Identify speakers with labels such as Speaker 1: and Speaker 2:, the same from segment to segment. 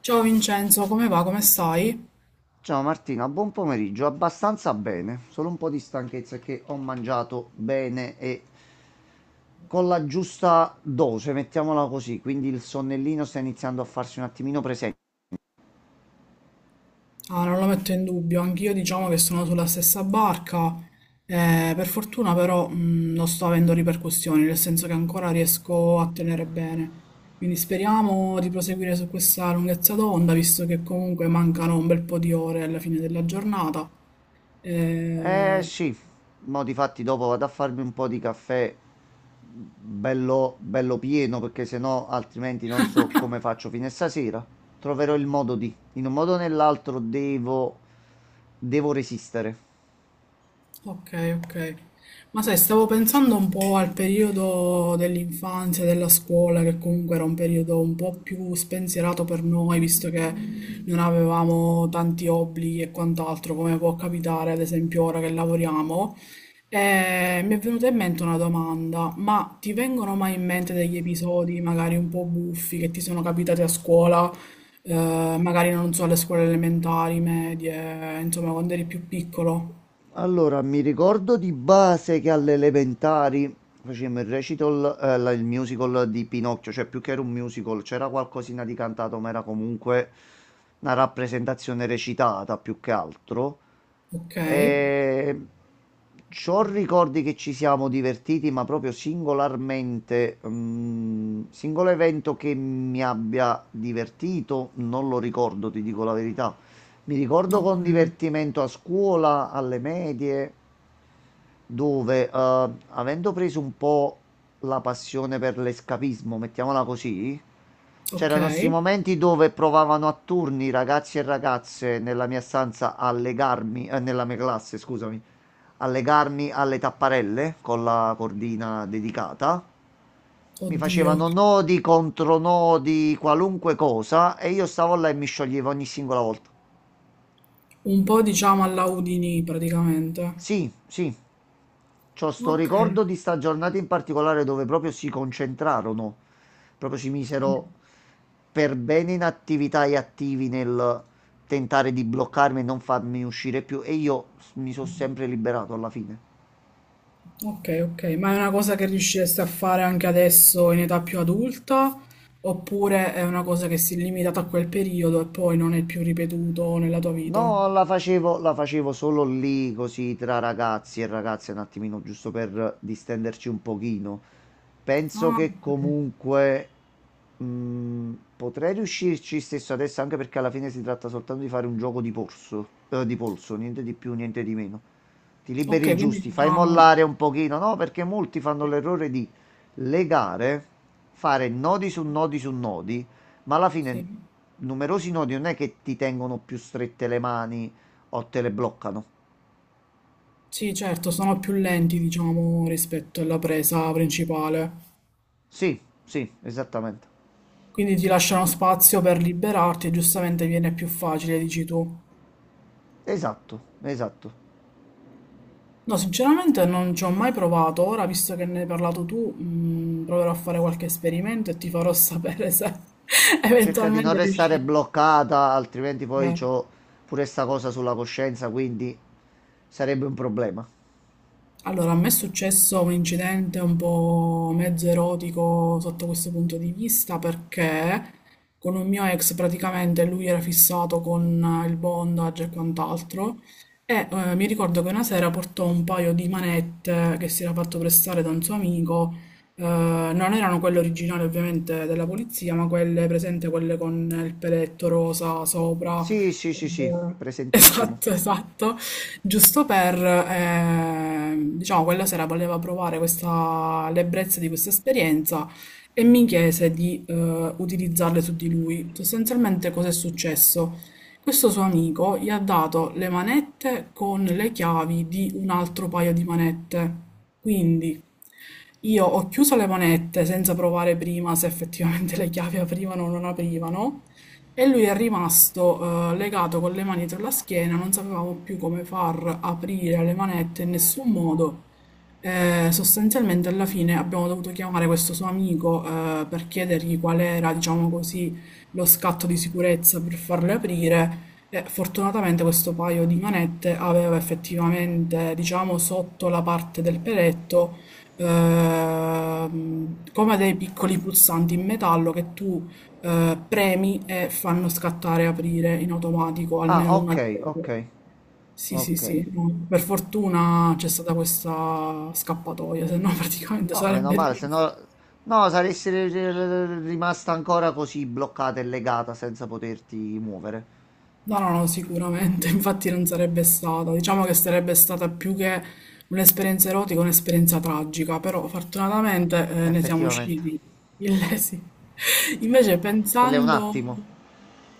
Speaker 1: Ciao Vincenzo, come va? Come stai?
Speaker 2: Ciao Martina, buon pomeriggio. Abbastanza bene, solo un po' di stanchezza è che ho mangiato bene e con la giusta dose, mettiamola così, quindi il sonnellino sta iniziando a farsi un attimino presente.
Speaker 1: Ah, non lo metto in dubbio, anch'io diciamo che sono sulla stessa barca. Per fortuna però non sto avendo ripercussioni, nel senso che ancora riesco a tenere bene. Quindi speriamo di proseguire su questa lunghezza d'onda, visto che comunque mancano un bel po' di ore alla fine della giornata.
Speaker 2: Eh
Speaker 1: Eh,
Speaker 2: sì, mo di fatti dopo vado a farmi un po' di caffè bello, bello pieno perché sennò altrimenti non so come faccio fino a stasera. Troverò il modo di, in un modo o nell'altro devo, devo resistere.
Speaker 1: Ok, ok. Ma sai, stavo pensando un po' al periodo dell'infanzia, della scuola, che comunque era un periodo un po' più spensierato per noi, visto che non avevamo tanti obblighi e quant'altro, come può capitare ad esempio ora che lavoriamo. E mi è venuta in mente una domanda, ma ti vengono mai in mente degli episodi magari un po' buffi che ti sono capitati a scuola, magari non so, alle scuole elementari, medie, insomma, quando eri più piccolo?
Speaker 2: Allora, mi ricordo di base che alle elementari facevamo il recital, il musical di Pinocchio, cioè più che era un musical, c'era qualcosina di cantato, ma era comunque una rappresentazione recitata più che altro.
Speaker 1: Okay,
Speaker 2: Ehm, c'ho ricordi che ci siamo divertiti, ma proprio singolarmente, mhmm, singolo evento che mi abbia divertito, non lo ricordo, ti dico la verità. Mi ricordo con
Speaker 1: okay,
Speaker 2: divertimento a scuola, alle medie, dove, avendo preso un po' la passione per l'escapismo, mettiamola così, c'erano 'sti
Speaker 1: okay.
Speaker 2: momenti dove provavano a turni ragazzi e ragazze nella mia stanza a legarmi, nella mia classe, scusami, allegarmi alle tapparelle con la cordina dedicata. Mi
Speaker 1: Oddio,
Speaker 2: facevano nodi, contronodi, qualunque cosa e io stavo là e mi scioglievo ogni singola volta.
Speaker 1: un po' diciamo alla Houdini praticamente.
Speaker 2: Sì, sì, c'ho sto
Speaker 1: Okay,
Speaker 2: ricordo di sta giornata in particolare dove proprio si concentrarono, proprio si
Speaker 1: mh,
Speaker 2: misero per bene in attività e attivi nel tentare di bloccarmi e non farmi uscire più e io mi sono sempre liberato alla fine.
Speaker 1: okay, okay, ma è una cosa che riusciresti a fare anche adesso in età più adulta? Oppure è una cosa che si è limitata a quel periodo e poi non è più ripetuto nella tua vita?
Speaker 2: No, la facevo solo lì, così tra ragazzi e ragazze, un attimino, giusto per distenderci un pochino. Penso
Speaker 1: Ah,
Speaker 2: che
Speaker 1: ok.
Speaker 2: comunque mh, potrei riuscirci stesso adesso, anche perché alla fine si tratta soltanto di fare un gioco di polso, niente di più, niente di meno. Ti
Speaker 1: Ok,
Speaker 2: liberi il
Speaker 1: quindi
Speaker 2: giusti, fai
Speaker 1: diciamo,
Speaker 2: mollare un pochino, no? Perché molti fanno l'errore di legare, fare nodi su nodi su nodi, ma alla fine
Speaker 1: sì,
Speaker 2: numerosi nodi non è che ti tengono più strette le mani o te le bloccano.
Speaker 1: sì, certo, sono più lenti, diciamo, rispetto alla presa principale.
Speaker 2: Sì, sì, esattamente.
Speaker 1: Quindi ti lasciano spazio per liberarti e giustamente viene più facile, dici tu.
Speaker 2: Esatto, esatto.
Speaker 1: No, sinceramente non ci ho mai provato. Ora, visto che ne hai parlato tu, proverò a fare qualche esperimento e ti farò sapere se
Speaker 2: Ma cerca di non
Speaker 1: eventualmente
Speaker 2: restare
Speaker 1: riuscirò.
Speaker 2: bloccata, altrimenti poi
Speaker 1: Eh.
Speaker 2: c'ho pure sta cosa sulla coscienza, quindi sarebbe un problema.
Speaker 1: Allora, a me è successo un incidente un po' mezzo erotico sotto questo punto di vista perché con un mio ex praticamente lui era fissato con il bondage e quant'altro e mi ricordo che una sera portò un paio di manette che si era fatto prestare da un suo amico, non erano quelle originali ovviamente della polizia, ma quelle presente, quelle con il peletto rosa sopra.
Speaker 2: Sì, sì, sì, sì, presentissimo.
Speaker 1: Esatto, esatto, giusto per, diciamo, quella sera voleva provare questa, l'ebbrezza di questa esperienza e mi chiese di utilizzarle su di lui. Sostanzialmente cosa è successo? Questo suo amico gli ha dato le manette con le chiavi di un altro paio di manette. Quindi io ho chiuso le manette senza provare prima se effettivamente le chiavi aprivano o non aprivano. E lui è rimasto, legato con le mani dietro la schiena, non sapevamo più come far aprire le manette in nessun modo. Sostanzialmente alla fine abbiamo dovuto chiamare questo suo amico, per chiedergli qual era, diciamo così, lo scatto di sicurezza per farle aprire. E fortunatamente questo paio di manette aveva effettivamente, diciamo, sotto la parte del peletto, come dei piccoli pulsanti in metallo che tu premi e fanno scattare aprire in automatico
Speaker 2: Ah,
Speaker 1: almeno una
Speaker 2: ok,
Speaker 1: delle due.
Speaker 2: ok,
Speaker 1: Sì, sì,
Speaker 2: ok.
Speaker 1: sì, no. Per fortuna c'è stata questa scappatoia, se no praticamente
Speaker 2: No, meno
Speaker 1: sarebbe
Speaker 2: male, se
Speaker 1: rimasta.
Speaker 2: no... No, saresti rimasta ancora così bloccata e legata senza poterti muovere.
Speaker 1: No, no, no, sicuramente, infatti non sarebbe stata. Diciamo che sarebbe stata più che un'esperienza erotica, un'esperienza tragica, però fortunatamente ne siamo
Speaker 2: Effettivamente.
Speaker 1: usciti illesi. Invece
Speaker 2: Quello è un
Speaker 1: pensando,
Speaker 2: attimo.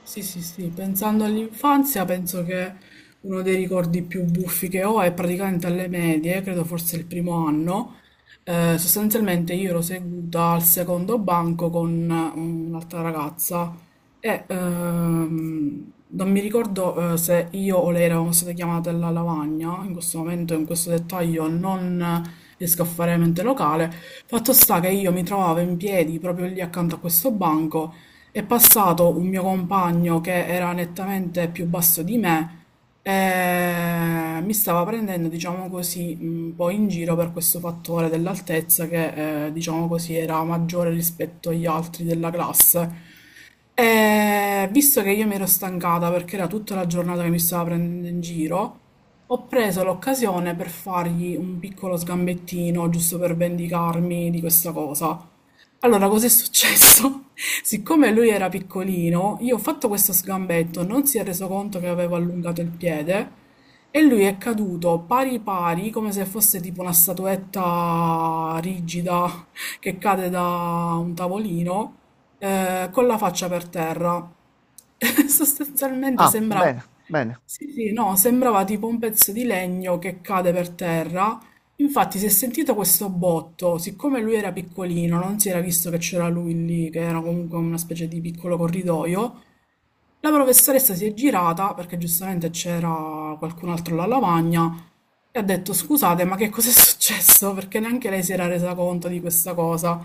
Speaker 1: sì, sì, sì, pensando all'infanzia, penso che uno dei ricordi più buffi che ho è praticamente alle medie, credo forse il primo anno. Sostanzialmente io ero seduta al secondo banco con un'altra ragazza e non mi ricordo se io o lei eravamo state chiamate alla lavagna, in questo momento, in questo dettaglio non riesco a fare mente locale. Fatto sta che io mi trovavo in piedi proprio lì accanto a questo banco, è passato un mio compagno che era nettamente più basso di me e mi stava prendendo, diciamo così, un po' in giro per questo fattore dell'altezza che, diciamo così, era maggiore rispetto agli altri della classe. E visto che io mi ero stancata perché era tutta la giornata che mi stava prendendo in giro, ho preso l'occasione per fargli un piccolo sgambettino, giusto per vendicarmi di questa cosa. Allora, cosa è successo? Siccome lui era piccolino, io ho fatto questo sgambetto, non si è reso conto che avevo allungato il piede e lui è caduto pari pari, come se fosse tipo una statuetta rigida che cade da un tavolino, con la faccia per terra. Sostanzialmente
Speaker 2: Ah,
Speaker 1: sembrava,
Speaker 2: bene, bene.
Speaker 1: sì, sì, no, sembrava tipo un pezzo di legno che cade per terra. Infatti si è sentito questo botto, siccome lui era piccolino, non si era visto che c'era lui lì, che era comunque una specie di piccolo corridoio, la professoressa si è girata, perché giustamente c'era qualcun altro alla lavagna, e ha detto scusate, ma che cos'è successo? Perché neanche lei si era resa conto di questa cosa.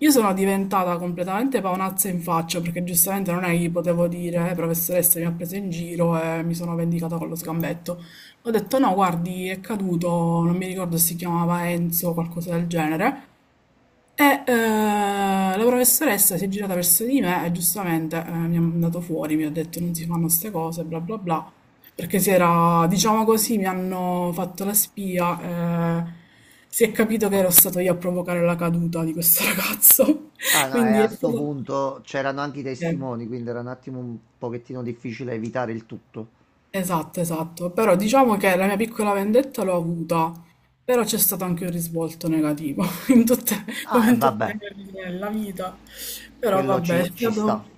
Speaker 1: Io sono diventata completamente paonazza in faccia perché giustamente non è che gli potevo dire, professoressa mi ha preso in giro e mi sono vendicata con lo sgambetto." Ho detto no, guardi, è caduto, non mi ricordo se si chiamava Enzo o qualcosa del genere, e, la professoressa si è girata verso di me e giustamente, mi ha mandato fuori, mi ha detto non si fanno ste cose, bla bla bla, perché si era, diciamo così, mi hanno fatto la spia, si è capito che ero stato io a provocare la caduta di questo ragazzo.
Speaker 2: Ah, no, e
Speaker 1: Quindi
Speaker 2: a
Speaker 1: è
Speaker 2: sto
Speaker 1: stato...
Speaker 2: punto c'erano anche i
Speaker 1: eh.
Speaker 2: testimoni, quindi era un attimo un pochettino difficile evitare il tutto.
Speaker 1: Esatto, esatto. Però diciamo che la mia piccola vendetta l'ho avuta, però c'è stato anche un risvolto negativo, in
Speaker 2: Ah,
Speaker 1: come
Speaker 2: e
Speaker 1: in tutte
Speaker 2: vabbè,
Speaker 1: le cose nella vita. Però
Speaker 2: quello
Speaker 1: vabbè,
Speaker 2: ci sta.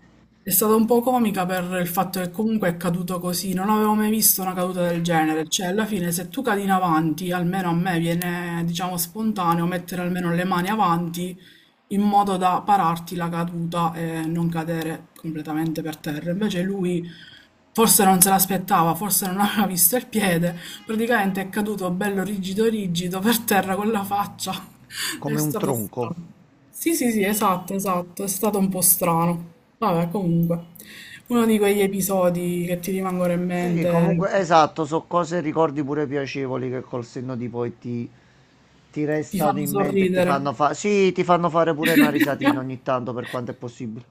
Speaker 1: è stata un po' comica per il fatto che comunque è caduto così. Non avevo mai visto una caduta del genere. Cioè, alla fine, se tu cadi in avanti, almeno a me viene, diciamo, spontaneo mettere almeno le mani avanti in modo da pararti la caduta e non cadere completamente per terra. Invece lui forse non se l'aspettava, forse non aveva visto il piede, praticamente è caduto bello rigido rigido per terra con la faccia. È
Speaker 2: Come un
Speaker 1: stato
Speaker 2: tronco.
Speaker 1: strano. Sì, sì, sì, esatto, esatto, è stato un po' strano. Vabbè, comunque, uno di quegli episodi che ti rimangono in
Speaker 2: Sì,
Speaker 1: mente,
Speaker 2: comunque, esatto, so cose e ricordi pure piacevoli che col senno di poi ti
Speaker 1: ti
Speaker 2: restano
Speaker 1: fanno
Speaker 2: in mente e ti
Speaker 1: sorridere.
Speaker 2: fanno fare... Sì, ti fanno fare pure una risatina ogni tanto per quanto è possibile.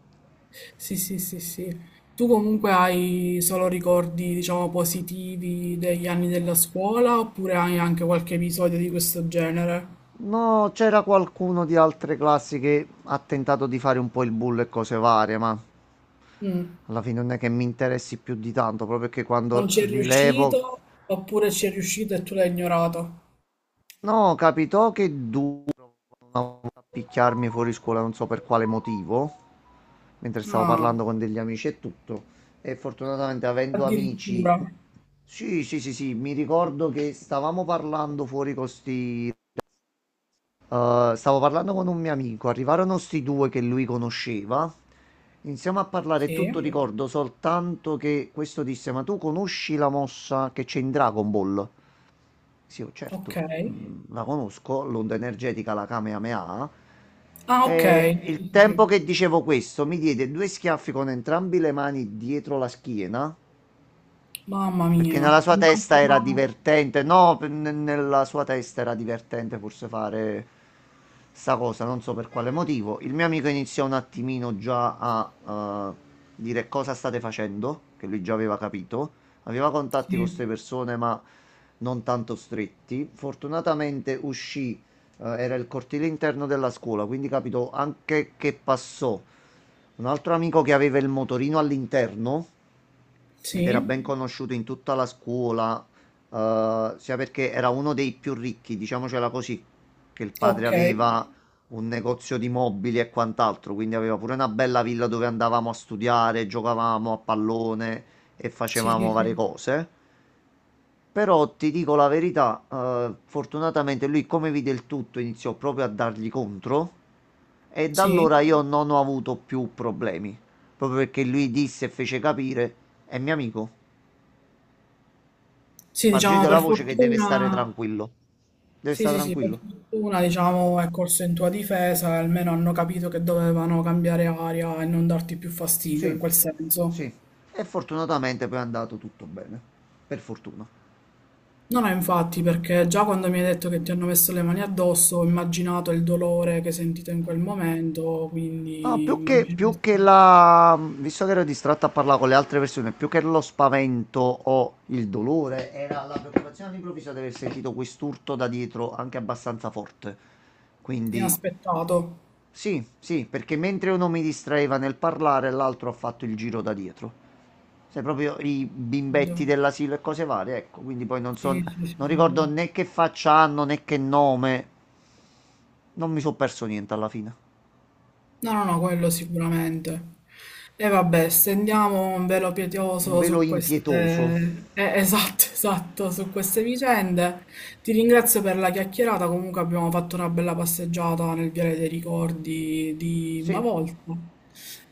Speaker 1: Sì, sì, sì, sì. Tu comunque hai solo ricordi, diciamo, positivi degli anni della scuola oppure hai anche qualche episodio di questo genere?
Speaker 2: No, c'era qualcuno di altre classi che ha tentato di fare un po' il bullo e cose varie, ma...
Speaker 1: Mm.
Speaker 2: Alla fine non è che mi interessi più di tanto, proprio perché
Speaker 1: Non
Speaker 2: quando
Speaker 1: ci è
Speaker 2: rilevo...
Speaker 1: riuscito oppure ci è riuscito e tu l'hai ignorato?
Speaker 2: No, capitò che duro a picchiarmi fuori scuola, non so per quale motivo, mentre stavo
Speaker 1: Ah,
Speaker 2: parlando con degli amici e tutto. E fortunatamente avendo amici...
Speaker 1: addirittura.
Speaker 2: Sì, sì, sì, sì, mi ricordo che stavamo parlando fuori con sti stavo parlando con un mio amico, arrivarono sti due che lui conosceva. Iniziamo a parlare e
Speaker 1: Sì,
Speaker 2: tutto, sì. Ricordo soltanto che questo disse: Ma tu conosci la mossa che c'è in Dragon Ball? Sì, oh,
Speaker 1: ok.
Speaker 2: certo, mm, la conosco, l'onda energetica, la Kamehameha.
Speaker 1: Ah, ok.
Speaker 2: E il
Speaker 1: Sì, sì,
Speaker 2: tempo
Speaker 1: sì.
Speaker 2: che dicevo questo mi diede due schiaffi con entrambi le mani dietro la schiena
Speaker 1: Mamma
Speaker 2: perché
Speaker 1: mia.
Speaker 2: nella sua testa era
Speaker 1: Immagino-
Speaker 2: divertente, no, nella sua testa era divertente forse fare sta cosa, non so per quale motivo. Il mio amico iniziò un attimino già a dire cosa state facendo, che lui già aveva capito. Aveva contatti con
Speaker 1: Sì,
Speaker 2: queste persone, ma non tanto stretti. Fortunatamente uscì, era il cortile interno della scuola, quindi capito anche che passò. Un altro amico che aveva il motorino all'interno ed era
Speaker 1: sì,
Speaker 2: ben conosciuto in tutta la scuola, sia perché era uno dei più ricchi, diciamocela così, che il padre
Speaker 1: ok.
Speaker 2: aveva un negozio di mobili e quant'altro, quindi aveva pure una bella villa dove andavamo a studiare, giocavamo a pallone e
Speaker 1: Sì,
Speaker 2: facevamo
Speaker 1: sì,
Speaker 2: varie
Speaker 1: sì.
Speaker 2: cose. Però ti dico la verità, fortunatamente lui come vide il tutto iniziò proprio a dargli contro e da
Speaker 1: Sì,
Speaker 2: allora io non ho avuto più problemi, proprio perché lui disse e fece capire, è mio amico.
Speaker 1: sì, diciamo
Speaker 2: Spargete la
Speaker 1: per
Speaker 2: voce che deve stare
Speaker 1: fortuna,
Speaker 2: tranquillo. Deve
Speaker 1: sì,
Speaker 2: stare
Speaker 1: sì, sì, per
Speaker 2: tranquillo.
Speaker 1: fortuna, diciamo, è corso in tua difesa, e almeno hanno capito che dovevano cambiare aria e non darti più fastidio in
Speaker 2: Sì,
Speaker 1: quel senso.
Speaker 2: sì. E fortunatamente poi è andato tutto bene. Per fortuna.
Speaker 1: No, no, infatti, perché già quando mi hai detto che ti hanno messo le mani addosso, ho immaginato il dolore che hai sentito in quel momento,
Speaker 2: Ah,
Speaker 1: quindi immagino
Speaker 2: più
Speaker 1: che-
Speaker 2: che la... Visto che ero distratto a parlare con le altre persone, più che lo spavento o il dolore, era la preoccupazione all'improvviso di aver sentito quest'urto da dietro anche abbastanza forte. Quindi,
Speaker 1: inaspettato.
Speaker 2: sì, sì, perché mentre uno mi distraeva nel parlare, l'altro ha fatto il giro da dietro. Cioè, proprio i
Speaker 1: Capito?
Speaker 2: bimbetti dell'asilo e cose varie, ecco. Quindi poi non
Speaker 1: Sì,
Speaker 2: so,
Speaker 1: sì, sì,
Speaker 2: non
Speaker 1: sì,
Speaker 2: ricordo
Speaker 1: sì.
Speaker 2: né che faccia hanno né che nome. Non mi sono perso niente alla fine.
Speaker 1: No, no, no, quello sicuramente. E vabbè, stendiamo un velo
Speaker 2: Un
Speaker 1: pietoso
Speaker 2: velo
Speaker 1: su
Speaker 2: impietoso.
Speaker 1: queste... esatto, esatto, su queste vicende. Ti ringrazio per la chiacchierata, comunque abbiamo fatto una bella passeggiata nel Viale dei Ricordi di una
Speaker 2: Sì,
Speaker 1: volta.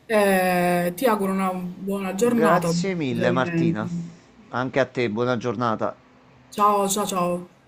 Speaker 1: Ti auguro una buona giornata,
Speaker 2: grazie
Speaker 1: buon
Speaker 2: mille
Speaker 1: proseguimento.
Speaker 2: Martina. Anche a te, buona giornata.
Speaker 1: Ciao, ciao, ciao.